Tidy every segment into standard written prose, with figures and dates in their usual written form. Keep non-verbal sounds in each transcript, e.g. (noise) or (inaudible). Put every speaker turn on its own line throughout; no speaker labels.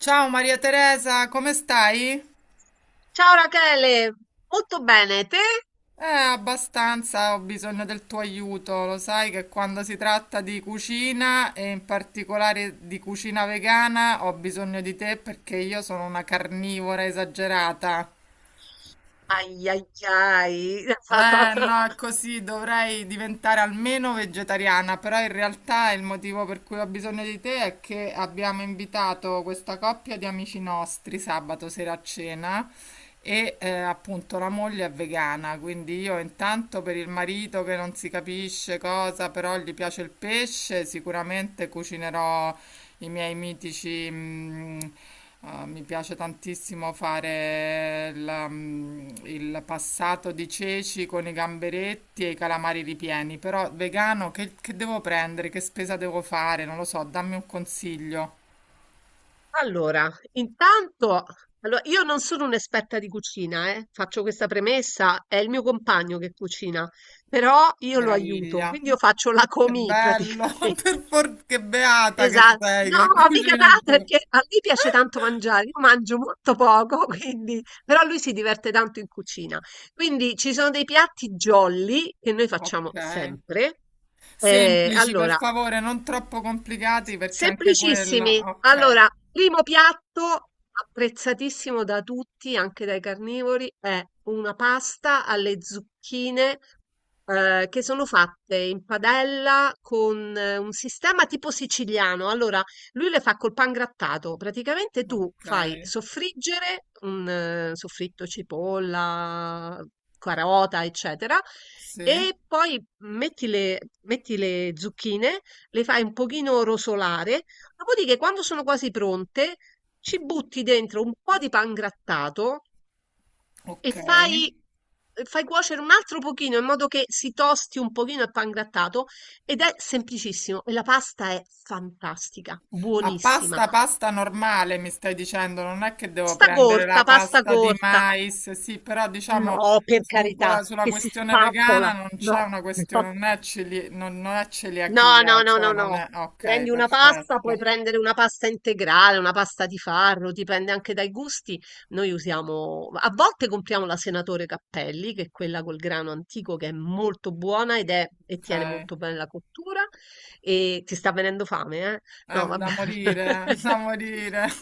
Ciao Maria Teresa, come stai?
Ciao Rachele, molto bene, te?
Abbastanza, ho bisogno del tuo aiuto. Lo sai che quando si tratta di cucina e in particolare di cucina vegana, ho bisogno di te perché io sono una carnivora esagerata.
Ai ai ai.
Eh no, è
(laughs)
così, dovrei diventare almeno vegetariana, però in realtà il motivo per cui ho bisogno di te è che abbiamo invitato questa coppia di amici nostri sabato sera a cena. Appunto la moglie è vegana, quindi io intanto per il marito che non si capisce cosa, però gli piace il pesce, sicuramente cucinerò i miei mitici. Mi piace tantissimo fare la, il passato di ceci con i gamberetti e i calamari ripieni, però vegano che devo prendere? Che spesa devo fare? Non lo so, dammi un consiglio.
Allora, intanto, allora, io non sono un'esperta di cucina, faccio questa premessa, è il mio compagno che cucina, però io lo aiuto,
Meraviglia.
quindi io faccio la
Che
comì
bello,
praticamente.
(laughs) che beata che
Esatto.
sei,
No,
che
mica
cucina il
tanto
tuo...
perché a lui
(laughs)
piace tanto mangiare, io mangio molto poco, (laughs) quindi, però lui si diverte tanto in cucina. Quindi ci sono dei piatti jolly che noi
Ok.
facciamo sempre.
Semplici, per
Allora,
favore, non troppo
S
complicati perché anche
semplicissimi.
quella... Ok,
Allora, primo piatto apprezzatissimo da tutti, anche dai carnivori, è una pasta alle zucchine che sono fatte in padella con un sistema tipo siciliano. Allora, lui le fa col pan grattato. Praticamente tu
ok,
fai soffriggere un soffritto cipolla, carota, eccetera,
sì,
e poi metti le zucchine, le fai un pochino rosolare, dopodiché quando sono quasi pronte ci butti dentro un po' di pan grattato e
ok.
fai cuocere un altro pochino in modo che si tosti un pochino il pan grattato, ed è semplicissimo e la pasta è fantastica,
Ma
buonissima.
pasta, pasta normale mi stai dicendo, non è che devo
Sta
prendere
corta,
la
pasta
pasta di
corta.
mais, sì, però diciamo
No, per carità,
sulla
che si
questione
spappola.
vegana non c'è
No,
una
no,
questione, non è
No,
celiachia,
no, no,
cioè
no,
non
no.
è... Ok,
Prendi una pasta, puoi
perfetto,
prendere una pasta integrale, una pasta di farro, dipende anche dai gusti. Noi usiamo, a volte compriamo la Senatore Cappelli, che è quella col grano antico che è molto buona ed è, e tiene
ok.
molto bene la cottura. E ti sta venendo fame, eh?
È
No,
da
vabbè.
morire, (laughs) da morire. (laughs)
(laughs)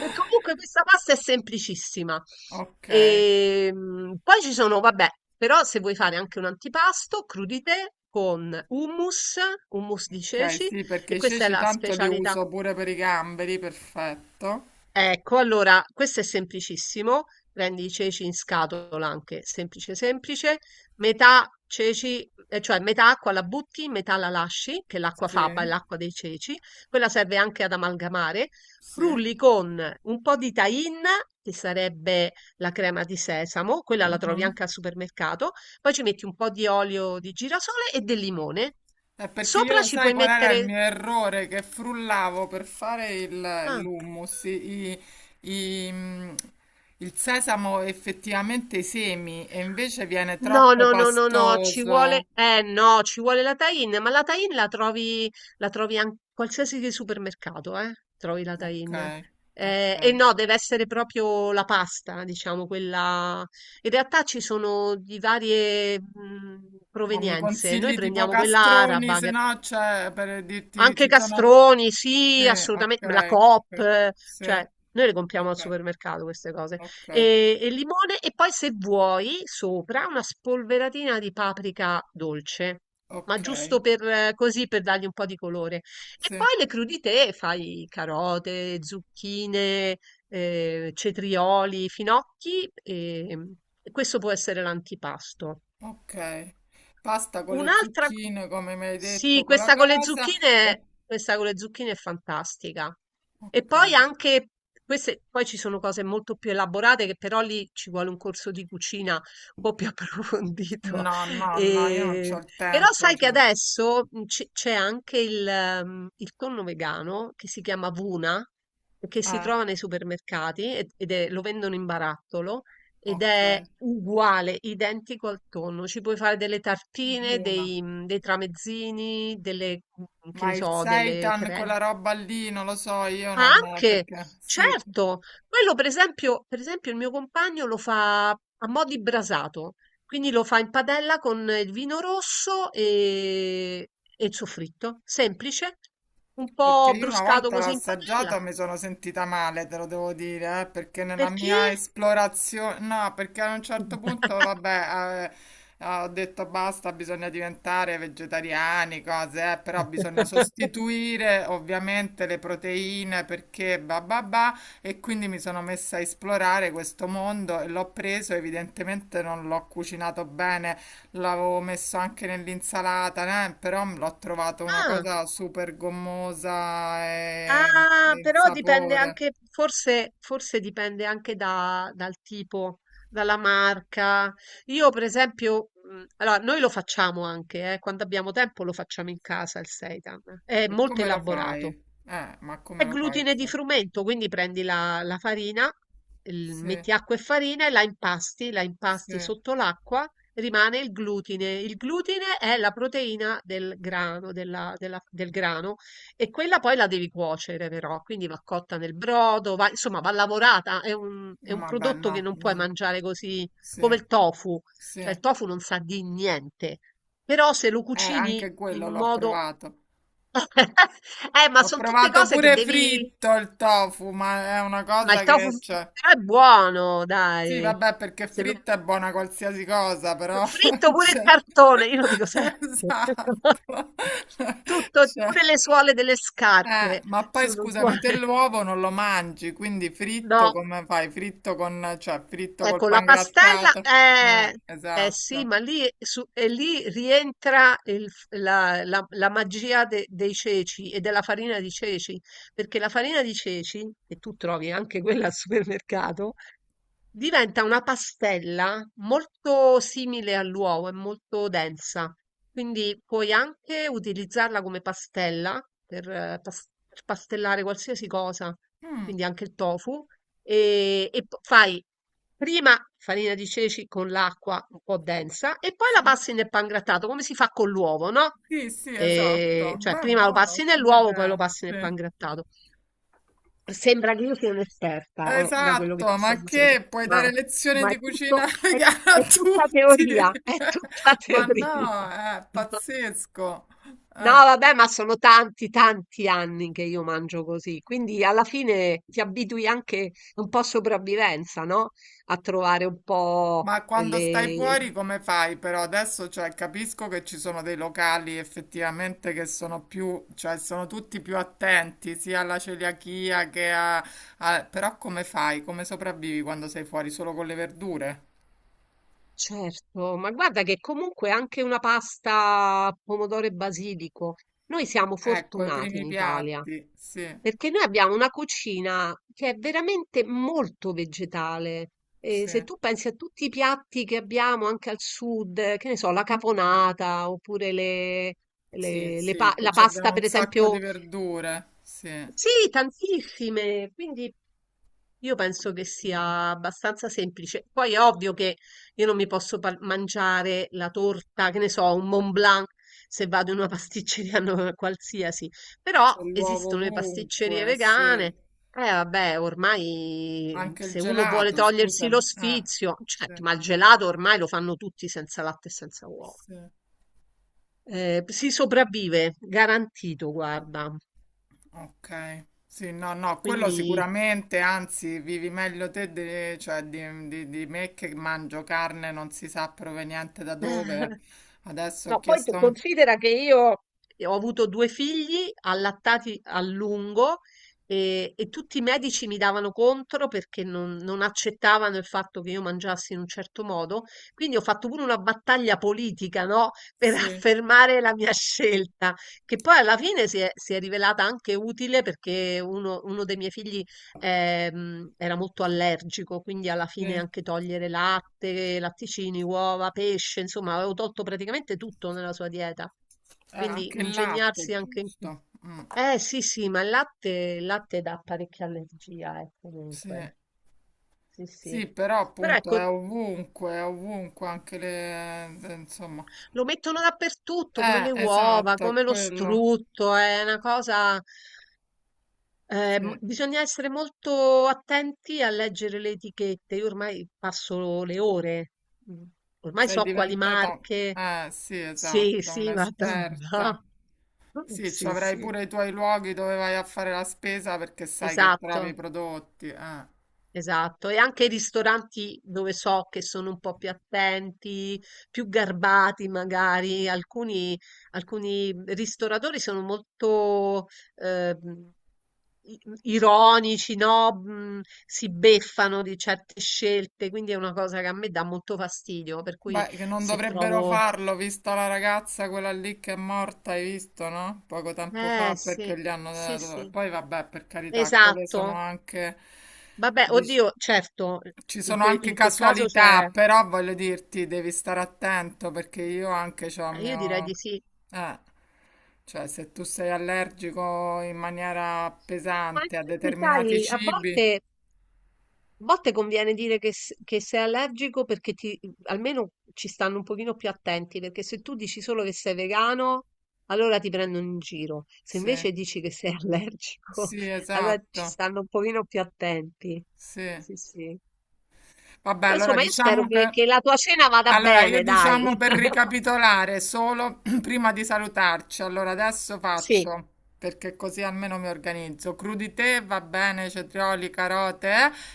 E comunque questa pasta è semplicissima.
Ok,
E, poi ci sono, vabbè, però se vuoi fare anche un antipasto, crudité con hummus, hummus di
ok,
ceci,
sì, perché
e
i
questa è
ceci
la
tanto li
specialità.
uso pure per i gamberi, perfetto.
Ecco, allora questo è semplicissimo. Prendi i ceci in scatola anche, semplice semplice, metà ceci, cioè metà acqua la butti, metà la lasci, che l'acqua
Sì,
faba è l'acqua dei ceci, quella serve anche ad amalgamare.
sì.
Frulli con un po' di tahine, che sarebbe la crema di sesamo, quella la trovi
Mhm.
anche al supermercato, poi ci metti un po' di olio di girasole e del limone.
È perché io
Sopra
lo
ci
sai
puoi
qual era il
mettere...
mio errore? Che frullavo per
Ah.
l'hummus, i- mm, il sesamo effettivamente i semi e invece viene
No,
troppo
no, no, no, no, ci vuole,
pastoso.
no, ci vuole la tie-in, ma la trovi an- qualsiasi di supermercato, trovi la
Ok,
tie-in. E
ok.
no, deve essere proprio la pasta, diciamo, quella... In realtà ci sono di varie
Ma mi
provenienze, noi
consigli tipo
prendiamo quella
castroni,
araba,
se
che
no, cioè, per dirti,
anche
ci sono...
castroni,
Sì,
sì, assolutamen la
ok,
Coop,
ok, sì,
cioè noi le compriamo al
ok,
supermercato queste cose.
ok,
E limone e poi se vuoi sopra una spolveratina di paprika dolce, ma
ok,
giusto per così per dargli un po' di colore. E
sì.
poi le crudité, fai carote, zucchine, cetrioli, finocchi e questo può essere l'antipasto.
Ok, pasta con le
Un'altra, co-
zucchine, come mi hai
sì,
detto, con la cosa. E...
questa con le zucchine è fantastica. E
Ok.
poi anche queste, poi ci sono cose molto più elaborate che però lì ci vuole un corso di cucina un po' più (laughs) approfondito.
No, no, no, io non c'ho
E-
il
però
tempo.
sai che
Cioè.
adesso c'è anche il tonno vegano che si chiama Vuna, che si
Eh,
trova nei supermercati ed è- lo vendono in barattolo. Ed
ok,
è uguale, identico al tonno. Ci puoi fare delle tartine,
una.
dei tramezzini, che
Ma
ne
il
so, delle
seitan,
creme.
quella roba lì, non lo so, io
Ah,
non...
anche,
perché... Sì.
certo, quello per esempio il mio compagno lo fa a mo' di brasato, quindi lo fa in padella con il vino rosso e il soffritto, semplice, un
Perché
po'
io una
bruscato
volta l'ho
così in padella.
assaggiata mi sono sentita male, te lo devo dire, perché nella
Perché?
mia esplorazione, no, perché a un certo punto,
(laughs)
vabbè, ho detto basta, bisogna diventare vegetariani, cose, però bisogna sostituire ovviamente le proteine perché bah bah bah, e quindi mi sono messa a esplorare questo mondo e l'ho preso, evidentemente non l'ho cucinato bene. L'avevo messo anche nell'insalata, però l'ho trovato una
Ah.
cosa super gommosa e
Ah,
il
però dipende
sapore.
anche, forse, forse dipende anche da- dal tipo, dalla marca. Io, per esempio, allora, noi lo facciamo anche, quando abbiamo tempo lo facciamo in casa il seitan. È
E
molto
come lo fai?
elaborato.
Ma come
È
lo fai?
glutine di frumento, quindi prendi la farina, il-
Sì,
metti acqua e farina e la impasti
sì.
sotto l'acqua, rimane il glutine. Il glutine è la proteina del grano, del grano e quella poi la devi cuocere però, quindi va cotta nel brodo, va- insomma va lavorata, è è un
Vabbè,
prodotto che
no.
non puoi mangiare così
Sì,
come il tofu,
sì.
cioè il tofu non sa di niente, però se lo cucini
Anche
in
quello l'ho
modo...
provato.
(laughs) Ma
L'ho
sono tutte
provato
cose che
pure
devi...
fritto il tofu, ma è una
Ma il
cosa
tofu
che
f-
c'è.
però è buono,
Sì,
dai.
vabbè, perché
Se lo-
fritta è buona qualsiasi cosa, però...
Fritto
(laughs)
pure il
cioè,
cartone, io lo dico sempre.
(laughs) esatto.
(laughs)
(laughs)
Tutto,
Cioè,
pure le suole delle scarpe
ma poi
sono
scusami, te
buone.
l'uovo non lo mangi, quindi fritto
No,
come fai? Fritto con... cioè, fritto col
ecco, la pastella
pangrattato?
è... Eh sì,
Esatto.
ma lì, lì rientra il f- la, la- la magia dei ceci e della farina di ceci, perché la farina di ceci, che tu trovi anche quella al supermercato, diventa una pastella molto simile all'uovo, è molto densa, quindi puoi anche utilizzarla come pastella per, per pastellare qualsiasi cosa,
Mm,
quindi anche il tofu, e, fai prima farina di ceci con l'acqua un po' densa e poi
sì.
la passi nel pangrattato, come si fa con l'uovo, no?
Sì, sì, esatto.
Cioè
Beh,
prima lo
buono,
passi
ottima
nell'uovo, poi lo
idea.
passi nel
Sì.
pangrattato. Sembra che io sia un'esperta, da quello che
Esatto,
ti sto
ma
dicendo,
che puoi dare
ma
lezioni
ma
di cucina (laughs) vegana a
è tutta
tutti?
teoria, è
(laughs)
tutta (laughs)
Ma no,
teoria.
è pazzesco.
No, vabbè, ma sono tanti, tanti anni che io mangio così, quindi alla fine ti abitui anche un po' a sopravvivenza, no? A trovare un po'
Ma quando stai
le...
fuori come fai però? Adesso cioè, capisco che ci sono dei locali effettivamente che sono più, cioè sono tutti più attenti sia alla celiachia che a... Però come fai? Come sopravvivi quando sei fuori solo con le verdure?
Certo, ma guarda che comunque anche una pasta pomodoro e basilico, noi siamo
Ecco, i
fortunati in
primi
Italia.
piatti, sì,
Perché noi abbiamo una cucina che è veramente molto vegetale. E
sì.
se tu pensi a tutti i piatti che abbiamo anche al sud, che ne so, la caponata oppure
Sì, sì, che
la
ci
pasta,
abbiamo
per
un sacco
esempio,
di verdure, sì. C'è
sì, tantissime. Quindi io penso che sia abbastanza semplice. Poi è ovvio che io non mi posso par- mangiare la torta, che ne so, un Mont Blanc se vado in una pasticceria (laughs) no- qualsiasi, però
l'uovo
esistono le pasticcerie
ovunque, sì.
vegane. Eh vabbè, ormai mhmm,
Anche il
se uno vuole
gelato,
togliersi lo
scusami. Ah,
sfizio,
sì,
certo, ma il gelato ormai lo fanno tutti senza latte e senza uova.
sì.
Si sopravvive, garantito, guarda.
Ok. Sì, no, no, quello
Quindi
sicuramente, anzi, vivi meglio te di, cioè, di me che mangio carne non si sa proveniente da dove.
(laughs)
Adesso ho
no, poi tu
chiesto...
considera che io ho avuto due figli allattati a lungo e tutti i medici mi davano contro perché non accettavano il fatto che io mangiassi in un certo modo. Quindi ho fatto pure una battaglia politica, no? (laughs) Per
Sì,
affermare la mia scelta, che poi alla fine si è rivelata anche utile perché uno dei miei figli era molto allergico, quindi alla
sì.
fine anche togliere latte, latticini, uova, pesce, insomma, avevo tolto praticamente tutto nella sua dieta.
Anche
Quindi
il
ingegnarsi
latte,
anche in questo.
giusto?
Eh sì, sì, ma il latte dà parecchia allergia,
Sì.
comunque. Sì, sì.
Sì, però
Però
appunto
ecco,
è ovunque anche le... insomma.
lo mettono dappertutto, come le uova,
Esatto, è
come lo
quello.
strutto, è una cosa.
Sì,
Bisogna essere molto attenti a leggere le etichette. Io ormai passo le ore. Mm. Ormai
sei
so quali
diventata...
marche.
Eh sì,
Sì,
esatto,
sì, guarda,
un'esperta.
no. (laughs)
Sì, ci
Sì,
avrai
sì,
pure i tuoi luoghi dove vai a fare la spesa perché sai che trovi i
esatto.
prodotti.
Esatto, e anche i ristoranti dove so che sono un po' più attenti, più garbati magari, alcuni, alcuni ristoratori sono molto eh, i- ironici, no? Si beffano di certe scelte, quindi è una cosa che a me dà molto fastidio, per cui
Beh, che non
se
dovrebbero
trovo...
farlo, vista la ragazza quella lì che è morta, hai visto, no? Poco tempo
Eh
fa
sì,
perché gli hanno
sì,
dato...
sì,
Poi vabbè, per carità, quelle sono
esatto.
anche...
Vabbè,
dic-
oddio, certo,
Ci sono anche
in quel caso
casualità,
c'è...
però voglio dirti, devi stare attento perché io anche c'ho il
io direi di
mio...
sì.
Eh, cioè se tu sei allergico in maniera
Ma
pesante a
infatti,
determinati
sai,
cibi,
a volte conviene dire che, s- che sei allergico perché ti, almeno ci stanno un pochino più attenti, perché se tu dici solo che sei vegano, allora ti prendono in giro. Se
sì,
invece dici che sei (laughs) allergico,
sì,
allora ci
esatto,
stanno un pochino più attenti.
sì.
Sì, sì.
Vabbè,
Però,
allora
insomma, io spero
diciamo che...
che la tua cena vada
Allora, io
bene,
diciamo
dai.
per
(laughs)
ricapitolare solo (clears throat) prima di salutarci, allora adesso
Sì,
faccio perché così almeno mi organizzo. Crudité va bene, cetrioli, carote,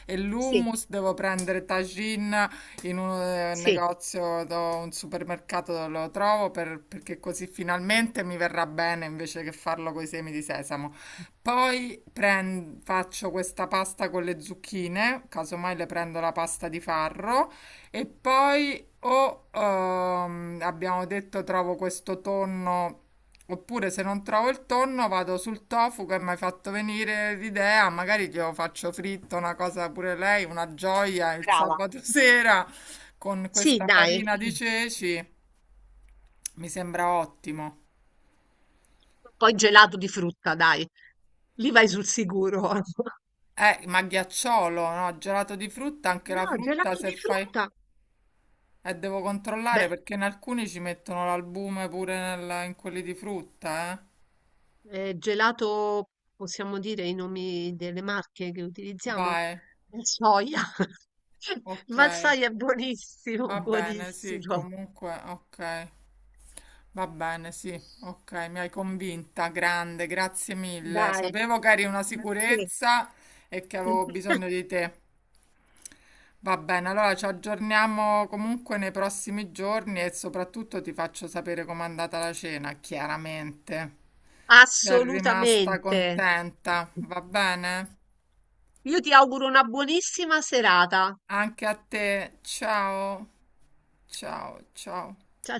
e
sì,
l'hummus devo prendere tagine in un
sì,
negozio, un supermercato dove lo trovo perché così finalmente mi verrà bene invece che farlo con i semi di sesamo. Poi faccio questa pasta con le zucchine, casomai le prendo la pasta di farro e poi o abbiamo detto trovo questo tonno, oppure se non trovo il tonno vado sul tofu che mi hai fatto venire l'idea, magari glielo faccio fritto, una cosa pure lei, una gioia il
brava.
sabato (laughs) sera con
Sì,
questa
dai.
farina di ceci, mi sembra ottimo.
Poi gelato di frutta, dai. Lì vai sul sicuro. (laughs)
Ma ghiacciolo, no? Gelato di frutta, anche la
No,
frutta
gelato
se
di
fai...
frutta.
Devo controllare
Beh,
perché in alcuni ci mettono l'albume pure in quelli di frutta, eh.
gelato, possiamo dire i nomi delle marche che utilizziamo?
Vai.
Valsoia. (laughs)
Ok,
Valsoia è buonissimo,
va bene, sì,
buonissimo.
comunque, ok, va bene, sì, ok, mi hai convinta, grande, grazie mille.
Dai.
Sapevo che eri una
Sì.
sicurezza e che avevo bisogno di
(laughs)
te. Va bene, allora ci aggiorniamo comunque nei prossimi giorni e soprattutto ti faccio sapere com'è andata la cena, chiaramente. Sei rimasta
Assolutamente.
contenta, va bene?
Io ti auguro una buonissima serata.
Anche a te, ciao, ciao, ciao.
Ciao.